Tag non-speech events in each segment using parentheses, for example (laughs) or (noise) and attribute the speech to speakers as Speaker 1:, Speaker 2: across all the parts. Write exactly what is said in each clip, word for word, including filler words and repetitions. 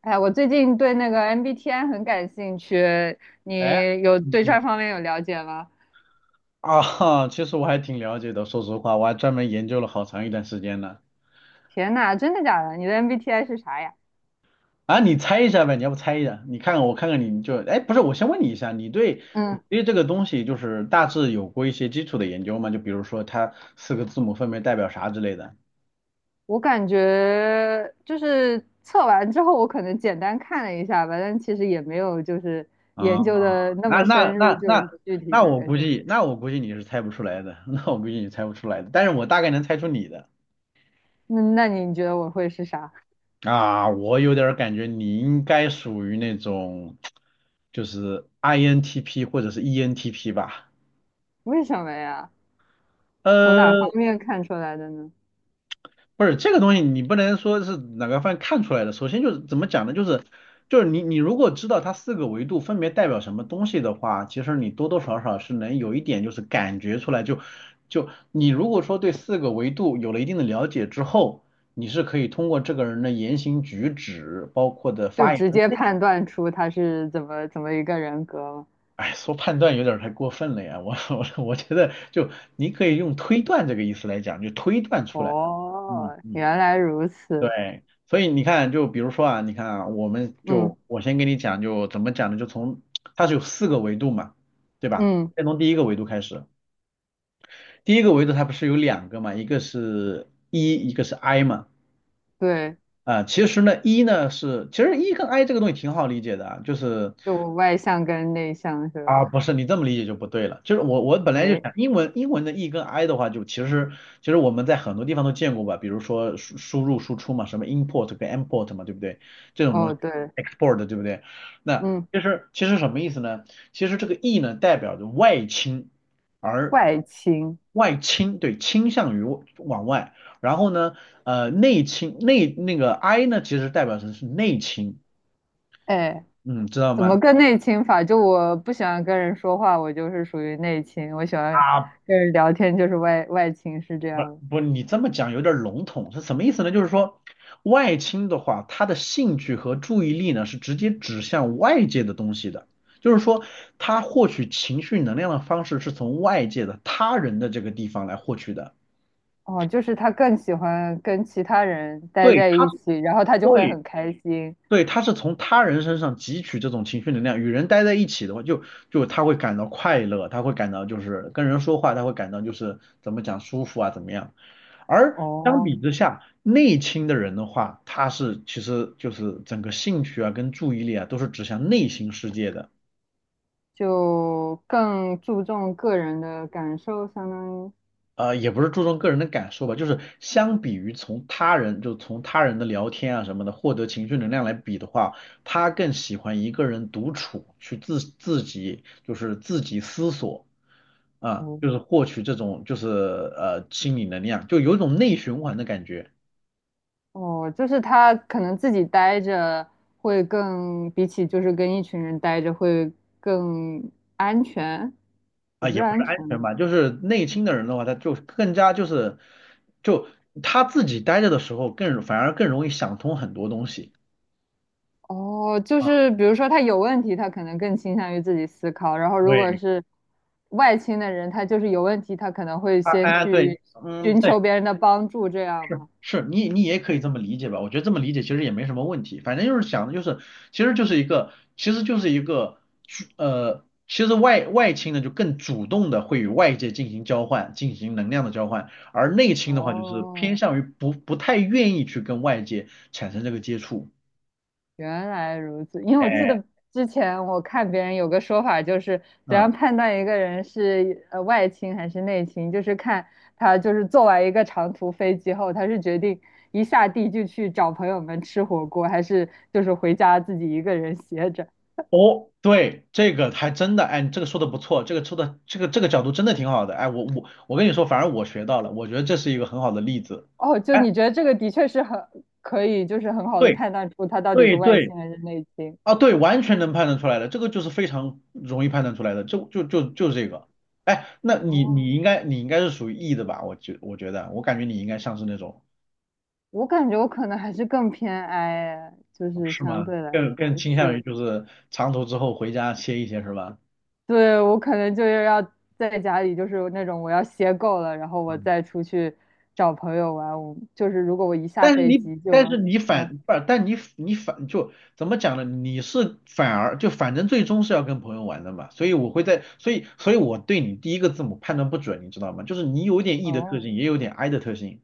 Speaker 1: 哎，我最近对那个 M B T I 很感兴趣，
Speaker 2: 哎，
Speaker 1: 你有
Speaker 2: 嗯
Speaker 1: 对
Speaker 2: 嗯
Speaker 1: 这方面有了解吗？
Speaker 2: 啊，其实我还挺了解的，说实话，我还专门研究了好长一段时间呢。
Speaker 1: 天呐，真的假的？你的 M B T I 是啥呀？
Speaker 2: 啊，你猜一下呗，你要不猜一下？你看看我看看你，你就，哎，不是，我先问你一下，你对你
Speaker 1: 嗯，
Speaker 2: 对这个东西就是大致有过一些基础的研究吗？就比如说它四个字母分别代表啥之类的
Speaker 1: 我感觉就是测完之后，我可能简单看了一下吧，但其实也没有就是
Speaker 2: 啊？
Speaker 1: 研究的那
Speaker 2: 那
Speaker 1: 么
Speaker 2: 那
Speaker 1: 深入，
Speaker 2: 那
Speaker 1: 就
Speaker 2: 那
Speaker 1: 是具体
Speaker 2: 那
Speaker 1: 那
Speaker 2: 我
Speaker 1: 个
Speaker 2: 估
Speaker 1: 是哪
Speaker 2: 计，
Speaker 1: 个。
Speaker 2: 那我估计你是猜不出来的，(laughs) 那我估计你猜不出来的，但是我大概能猜出你的。
Speaker 1: 那那你觉得我会是啥？
Speaker 2: 啊，我有点儿感觉你应该属于那种，就是 I N T P 或者是 E N T P 吧。
Speaker 1: 为什么呀？从哪方
Speaker 2: 呃，
Speaker 1: 面看出来的呢？
Speaker 2: 不是这个东西，你不能说是哪个方面看出来的。首先就是怎么讲呢？就是就是你你如果知道它四个维度分别代表什么东西的话，其实你多多少少是能有一点就是感觉出来就。就你如果说对四个维度有了一定的了解之后，你是可以通过这个人的言行举止，包括的
Speaker 1: 就
Speaker 2: 发言。
Speaker 1: 直接判断出他是怎么怎么一个人格吗？
Speaker 2: 哎，说判断有点儿太过分了呀，我 (laughs) 我我觉得就你可以用推断这个意思来讲，就推断出来。嗯
Speaker 1: 哦，
Speaker 2: 嗯，
Speaker 1: 原来如此。
Speaker 2: 对，所以你看，就比如说啊，你看啊，我们
Speaker 1: 嗯
Speaker 2: 就我先给你讲，就怎么讲呢？就从它是有四个维度嘛，对吧？
Speaker 1: 嗯，
Speaker 2: 先从第一个维度开始，第一个维度它不是有两个嘛，一个是 E，一个是 I 嘛。
Speaker 1: 对，
Speaker 2: 啊、其实呢，E 呢是，其实 E 跟 I 这个东西挺好理解的啊，就是
Speaker 1: 就外向跟内向是
Speaker 2: 啊，
Speaker 1: 吧？
Speaker 2: 不是你这么理解就不对了，就是我我本来就
Speaker 1: 哎，
Speaker 2: 想英文英文的 e 跟 i 的话，就其实其实我们在很多地方都见过吧，比如说输输入输出嘛，什么 import 跟 import 嘛，对不对？这种东
Speaker 1: 哦
Speaker 2: 西
Speaker 1: 对，
Speaker 2: export 对不对？那
Speaker 1: 嗯，
Speaker 2: 其实其实什么意思呢？其实这个 e 呢代表着外倾，而
Speaker 1: 外倾，
Speaker 2: 外倾对倾向于往外，然后呢呃内倾内那个 i 呢其实代表的是内倾，
Speaker 1: 哎，
Speaker 2: 嗯，知道
Speaker 1: 怎
Speaker 2: 吗？
Speaker 1: 么个内倾法？就我不喜欢跟人说话，我就是属于内倾；我喜欢
Speaker 2: 啊，
Speaker 1: 跟人聊天，就是外外倾，是这
Speaker 2: 不
Speaker 1: 样。
Speaker 2: 不，你这么讲有点笼统，是什么意思呢？就是说，外倾的话，他的兴趣和注意力呢是直接指向外界的东西的，就是说，他获取情绪能量的方式是从外界的他人的这个地方来获取的。
Speaker 1: 哦，就是他更喜欢跟其他人待
Speaker 2: 对，
Speaker 1: 在
Speaker 2: 他
Speaker 1: 一
Speaker 2: 是
Speaker 1: 起，然后他就会
Speaker 2: 对
Speaker 1: 很开心。
Speaker 2: 对，他是从他人身上汲取这种情绪能量。与人待在一起的话，就就他会感到快乐，他会感到就是跟人说话，他会感到就是怎么讲舒服啊，怎么样。而相比
Speaker 1: 哦，
Speaker 2: 之下，内倾的人的话，他是其实就是整个兴趣啊跟注意力啊都是指向内心世界的，
Speaker 1: 就更注重个人的感受，相当于。
Speaker 2: 呃，也不是注重个人的感受吧，就是相比于从他人就从他人的聊天啊什么的获得情绪能量来比的话，他更喜欢一个人独处，去自自己就是自己思索啊，
Speaker 1: 哦
Speaker 2: 就是获取这种就是呃心理能量，就有一种内循环的感觉。
Speaker 1: 哦，就是他可能自己待着会更，比起就是跟一群人待着会更安全，
Speaker 2: 啊，
Speaker 1: 也不是
Speaker 2: 也不是
Speaker 1: 安
Speaker 2: 安全
Speaker 1: 全。
Speaker 2: 吧，就是内倾的人的话，他就更加就是，就他自己待着的时候更，反而更容易想通很多东西
Speaker 1: 哦，就
Speaker 2: 啊。
Speaker 1: 是比如说他有问题，他可能更倾向于自己思考，然后如果
Speaker 2: 对，
Speaker 1: 是外倾的人，他就是有问题，他可能会
Speaker 2: 他
Speaker 1: 先
Speaker 2: 啊对，
Speaker 1: 去
Speaker 2: 嗯，
Speaker 1: 寻
Speaker 2: 对，
Speaker 1: 求别人的帮助，这样
Speaker 2: 是
Speaker 1: 吗？
Speaker 2: 是，你你也可以这么理解吧，我觉得这么理解其实也没什么问题，反正就是想的就是，其实就是一个，其实就是一个，呃，其实外外倾呢就更主动的会与外界进行交换，进行能量的交换，而内倾的话就是偏
Speaker 1: 哦，
Speaker 2: 向于不不太愿意去跟外界产生这个接触。
Speaker 1: 原来如此，因为我记
Speaker 2: 哎，
Speaker 1: 得之前我看别人有个说法，就是怎
Speaker 2: 嗯，
Speaker 1: 样判断一个人是呃外倾还是内倾，就是看他就是坐完一个长途飞机后，他是决定一下地就去找朋友们吃火锅，还是就是回家自己一个人歇着。
Speaker 2: 哦，对，这个还真的，哎，你这个说的不错，这个说的这个这个角度真的挺好的，哎，我我我跟你说，反而我学到了，我觉得这是一个很好的例子，
Speaker 1: 哦，就
Speaker 2: 哎，
Speaker 1: 你觉得这个的确是很可以，就是很好的
Speaker 2: 对
Speaker 1: 判断出他到底是
Speaker 2: 对
Speaker 1: 外
Speaker 2: 对，
Speaker 1: 倾还是内倾。
Speaker 2: 啊，对，完全能判断出来的，这个就是非常容易判断出来的，就就就就是这个，哎，那你你
Speaker 1: 哦，
Speaker 2: 应该你应该是属于 E 的吧？我觉我觉得，我感觉你应该像是那种，
Speaker 1: 我感觉我可能还是更偏 I，就是
Speaker 2: 是
Speaker 1: 相
Speaker 2: 吗？
Speaker 1: 对来
Speaker 2: 更更
Speaker 1: 说
Speaker 2: 倾向于
Speaker 1: 是。
Speaker 2: 就是长途之后回家歇一歇是吧？
Speaker 1: 对，我可能就是要在家里，就是那种我要歇够了，然后我
Speaker 2: 嗯。
Speaker 1: 再出去找朋友玩。我就是如果我一下
Speaker 2: 但是
Speaker 1: 飞
Speaker 2: 你，
Speaker 1: 机
Speaker 2: 但
Speaker 1: 就，
Speaker 2: 是你
Speaker 1: 哎，
Speaker 2: 反，不，但你你反就怎么讲呢？你是反而就反正最终是要跟朋友玩的嘛，所以我会在，所以所以我对你第一个字母判断不准，你知道吗？就是你有点 E 的特
Speaker 1: 哦
Speaker 2: 性，也有点 I 的特性，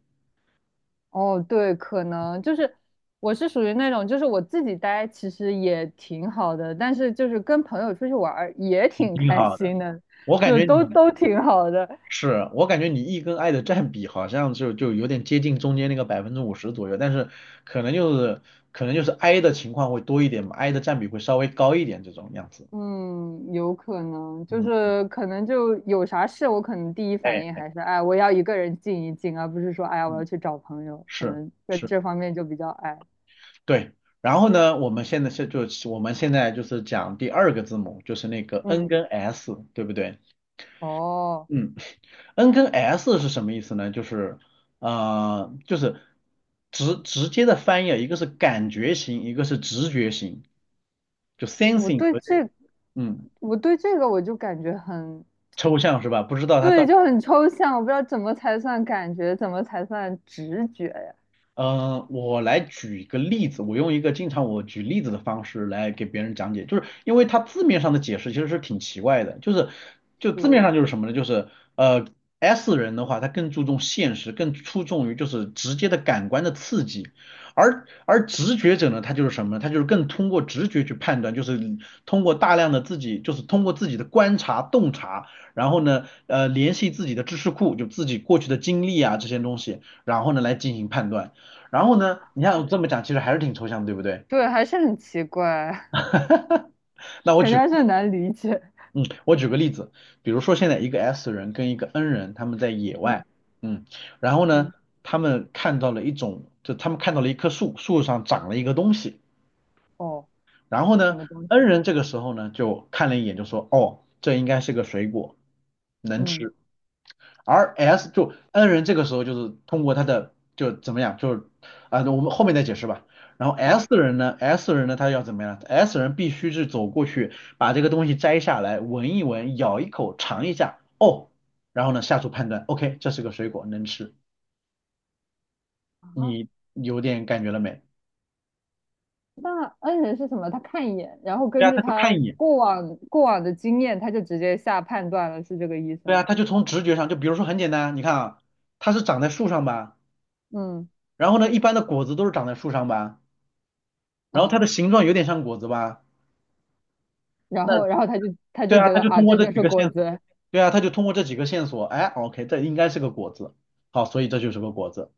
Speaker 1: 哦，对，可能就是我是属于那种，就是我自己待其实也挺好的，但是就是跟朋友出去玩儿也
Speaker 2: 你
Speaker 1: 挺
Speaker 2: 挺
Speaker 1: 开
Speaker 2: 好的。
Speaker 1: 心的，
Speaker 2: 我感
Speaker 1: 就
Speaker 2: 觉
Speaker 1: 都
Speaker 2: 你
Speaker 1: 都挺好的。
Speaker 2: 是，我感觉你 E 跟 I 的占比好像就就有点接近中间那个百分之五十左右，但是可能就是可能就是 I 的情况会多一点嘛，I 的占比会稍微高一点这种样子。
Speaker 1: 嗯，有可能，就
Speaker 2: 嗯，
Speaker 1: 是可能就有啥事，我可能第一反应
Speaker 2: 哎，
Speaker 1: 还是，哎，我要一个人静一静，而不是说，哎呀，我要
Speaker 2: 嗯，
Speaker 1: 去找朋友，可
Speaker 2: 是。
Speaker 1: 能在
Speaker 2: 是
Speaker 1: 这方面就比较矮。
Speaker 2: 对，然后呢，我们现在是就我们现在就是讲第二个字母，就是那个 N
Speaker 1: 嗯，
Speaker 2: 跟 S，对不对？
Speaker 1: 哦，
Speaker 2: 嗯，N 跟 S 是什么意思呢？就是呃，就是直直接的翻译啊，一个是感觉型，一个是直觉型，就
Speaker 1: 我
Speaker 2: sensing
Speaker 1: 对
Speaker 2: 和这
Speaker 1: 这，
Speaker 2: 嗯
Speaker 1: 我对这个我就感觉很，
Speaker 2: 抽象是吧？不知道它
Speaker 1: 对，
Speaker 2: 到。
Speaker 1: 就很抽象，我不知道怎么才算感觉，怎么才算直觉呀？
Speaker 2: 呃，我来举一个例子，我用一个经常我举例子的方式来给别人讲解，就是因为它字面上的解释其实是挺奇怪的，就是就字面
Speaker 1: 是，
Speaker 2: 上就是什么呢？就是呃 S 人的话，他更注重现实，更注重于就是直接的感官的刺激，而而直觉者呢，他就是什么呢？他就是更通过直觉去判断，就是通过大量的自己，就是通过自己的观察洞察，然后呢，呃，联系自己的知识库，就自己过去的经历啊这些东西，然后呢来进行判断。然后呢，你看我这么讲，其实还是挺抽象的对不对？
Speaker 1: 对，还是很奇怪，
Speaker 2: (laughs) 那
Speaker 1: (laughs)
Speaker 2: 我
Speaker 1: 感觉
Speaker 2: 举，
Speaker 1: 还是很难理解。
Speaker 2: 嗯，我举个例子，比如说现在一个 S 人跟一个 N 人，他们在野外，
Speaker 1: 嗯
Speaker 2: 嗯，然后呢，
Speaker 1: 嗯，
Speaker 2: 他们看到了一种，就他们看到了一棵树，树上长了一个东西，
Speaker 1: 哦，
Speaker 2: 然后
Speaker 1: 什
Speaker 2: 呢
Speaker 1: 么东
Speaker 2: ，N
Speaker 1: 西？
Speaker 2: 人这个时候呢，就看了一眼，就说，哦，这应该是个水果，能
Speaker 1: 嗯，
Speaker 2: 吃。而 S 就 N 人这个时候就是通过他的就怎么样，就是啊、我们后面再解释吧。然后 S
Speaker 1: 好
Speaker 2: 人呢，S 人呢，他要怎么样？S 人必须是走过去，把这个东西摘下来，闻一闻，咬一口，尝一下，哦，然后呢下出判断，OK，这是个水果，能吃。
Speaker 1: 啊，
Speaker 2: 你有点感觉了没？
Speaker 1: 那恩人是什么？他看一眼，然后
Speaker 2: 对
Speaker 1: 根
Speaker 2: 啊，
Speaker 1: 据
Speaker 2: 他就
Speaker 1: 他
Speaker 2: 看一眼，
Speaker 1: 过往过往的经验，他就直接下判断了是这个意思
Speaker 2: 对啊，
Speaker 1: 吗？
Speaker 2: 他就从直觉上，就比如说很简单，你看啊，它是长在树上吧，
Speaker 1: 嗯，
Speaker 2: 然后呢，一般的果子都是长在树上吧，然后它
Speaker 1: 哦，
Speaker 2: 的形状有点像果子吧。
Speaker 1: 然
Speaker 2: 那
Speaker 1: 后然后他就他
Speaker 2: 对
Speaker 1: 就
Speaker 2: 啊，
Speaker 1: 觉
Speaker 2: 他
Speaker 1: 得
Speaker 2: 就
Speaker 1: 啊，
Speaker 2: 通过
Speaker 1: 这
Speaker 2: 这
Speaker 1: 就
Speaker 2: 几
Speaker 1: 是
Speaker 2: 个
Speaker 1: 果
Speaker 2: 线索，
Speaker 1: 子。
Speaker 2: 对啊，他就通过这几个线索，哎，OK，这应该是个果子，好，所以这就是个果子，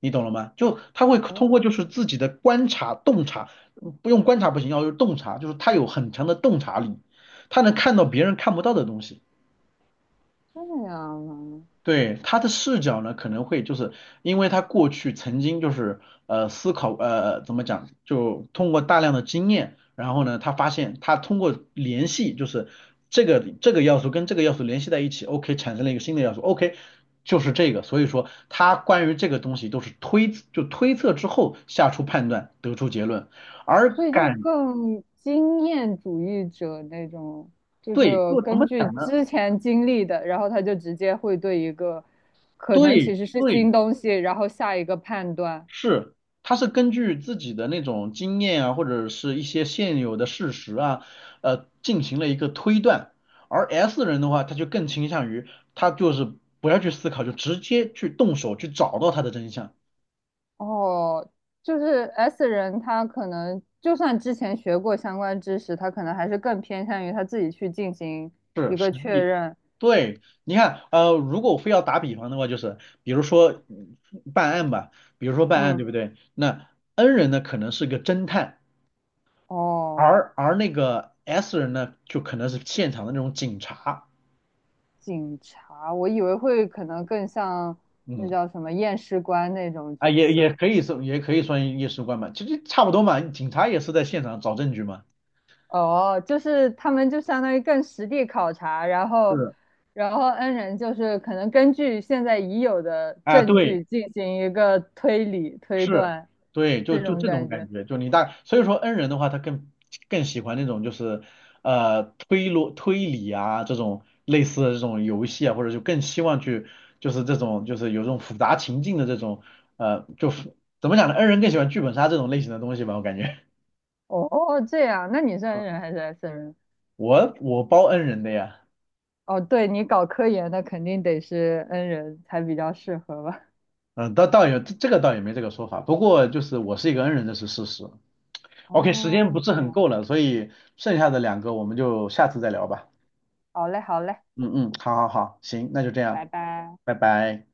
Speaker 2: 你懂了吗？就他会通
Speaker 1: 哦，
Speaker 2: 过就是自己的观察洞察，嗯不用观察不行，要有洞察，就是他有很强的洞察力，他能看到别人看不到的东西。
Speaker 1: 这样啊，
Speaker 2: 对，他的视角呢，可能会就是因为他过去曾经就是呃思考呃怎么讲，就通过大量的经验，然后呢，他发现他通过联系就是这个这个要素跟这个要素联系在一起，OK 产生了一个新的要素，OK 就是这个，所以说他关于这个东西都是推就推测之后下出判断得出结论，而
Speaker 1: 所以就
Speaker 2: 感
Speaker 1: 更经验主义者那种，就
Speaker 2: 对，
Speaker 1: 是
Speaker 2: 就怎
Speaker 1: 根
Speaker 2: 么
Speaker 1: 据
Speaker 2: 讲呢？
Speaker 1: 之前经历的，然后他就直接会对一个可能
Speaker 2: 对
Speaker 1: 其实是
Speaker 2: 对，
Speaker 1: 新东西，然后下一个判断。
Speaker 2: 是，他是根据自己的那种经验啊，或者是一些现有的事实啊，呃，进行了一个推断。而 S 人的话，他就更倾向于他就是不要去思考，就直接去动手去找到他的真相。
Speaker 1: 哦，就是 S 人，他可能就算之前学过相关知识，他可能还是更偏向于他自己去进行
Speaker 2: 是，
Speaker 1: 一
Speaker 2: 实
Speaker 1: 个确
Speaker 2: 际。
Speaker 1: 认。
Speaker 2: 对，你看，呃，如果我非要打比方的话，就是比如说嗯办案吧，比如说办案，
Speaker 1: 嗯，
Speaker 2: 对不对？那 N 人呢，可能是个侦探，
Speaker 1: 哦，
Speaker 2: 而而那个 S 人呢，就可能是现场的那种警察。
Speaker 1: 警察，我以为会可能更像那
Speaker 2: 嗯。
Speaker 1: 叫什么验尸官那种
Speaker 2: 啊，
Speaker 1: 角
Speaker 2: 也
Speaker 1: 色。
Speaker 2: 也可以是，也可以算夜尸官嘛，其实差不多嘛。警察也是在现场找证据嘛。
Speaker 1: 哦，就是他们就相当于更实地考察，然后，
Speaker 2: 是
Speaker 1: 然后 N 人就是可能根据现在已有的
Speaker 2: 啊，
Speaker 1: 证
Speaker 2: 对，
Speaker 1: 据进行一个推理推
Speaker 2: 是，
Speaker 1: 断，
Speaker 2: 对，就
Speaker 1: 这
Speaker 2: 就
Speaker 1: 种
Speaker 2: 这种
Speaker 1: 感
Speaker 2: 感
Speaker 1: 觉。
Speaker 2: 觉，就你大，所以说 N 人的话，他更更喜欢那种就是呃推逻推理啊这种类似的这种游戏啊，或者就更希望去就是这种就是有这种复杂情境的这种呃就复怎么讲呢？N 人更喜欢剧本杀这种类型的东西吧，我感觉。(laughs)
Speaker 1: 哦，哦哦这样，那你是
Speaker 2: 啊，
Speaker 1: N 人还是 S 人？
Speaker 2: 我我包 N 人的呀。
Speaker 1: 哦，对，你搞科研的肯定得是 N 人才比较适合吧？
Speaker 2: 嗯，倒倒也这个倒也没这个说法，不过就是我是一个恩人，这是事实。OK，时间不
Speaker 1: 哦，
Speaker 2: 是
Speaker 1: 这
Speaker 2: 很
Speaker 1: 样，
Speaker 2: 够了，所以剩下的两个我们就下次再聊吧。
Speaker 1: 好嘞，好嘞，
Speaker 2: 嗯嗯，好好好，行，那就这
Speaker 1: 拜
Speaker 2: 样，
Speaker 1: 拜。
Speaker 2: 拜拜。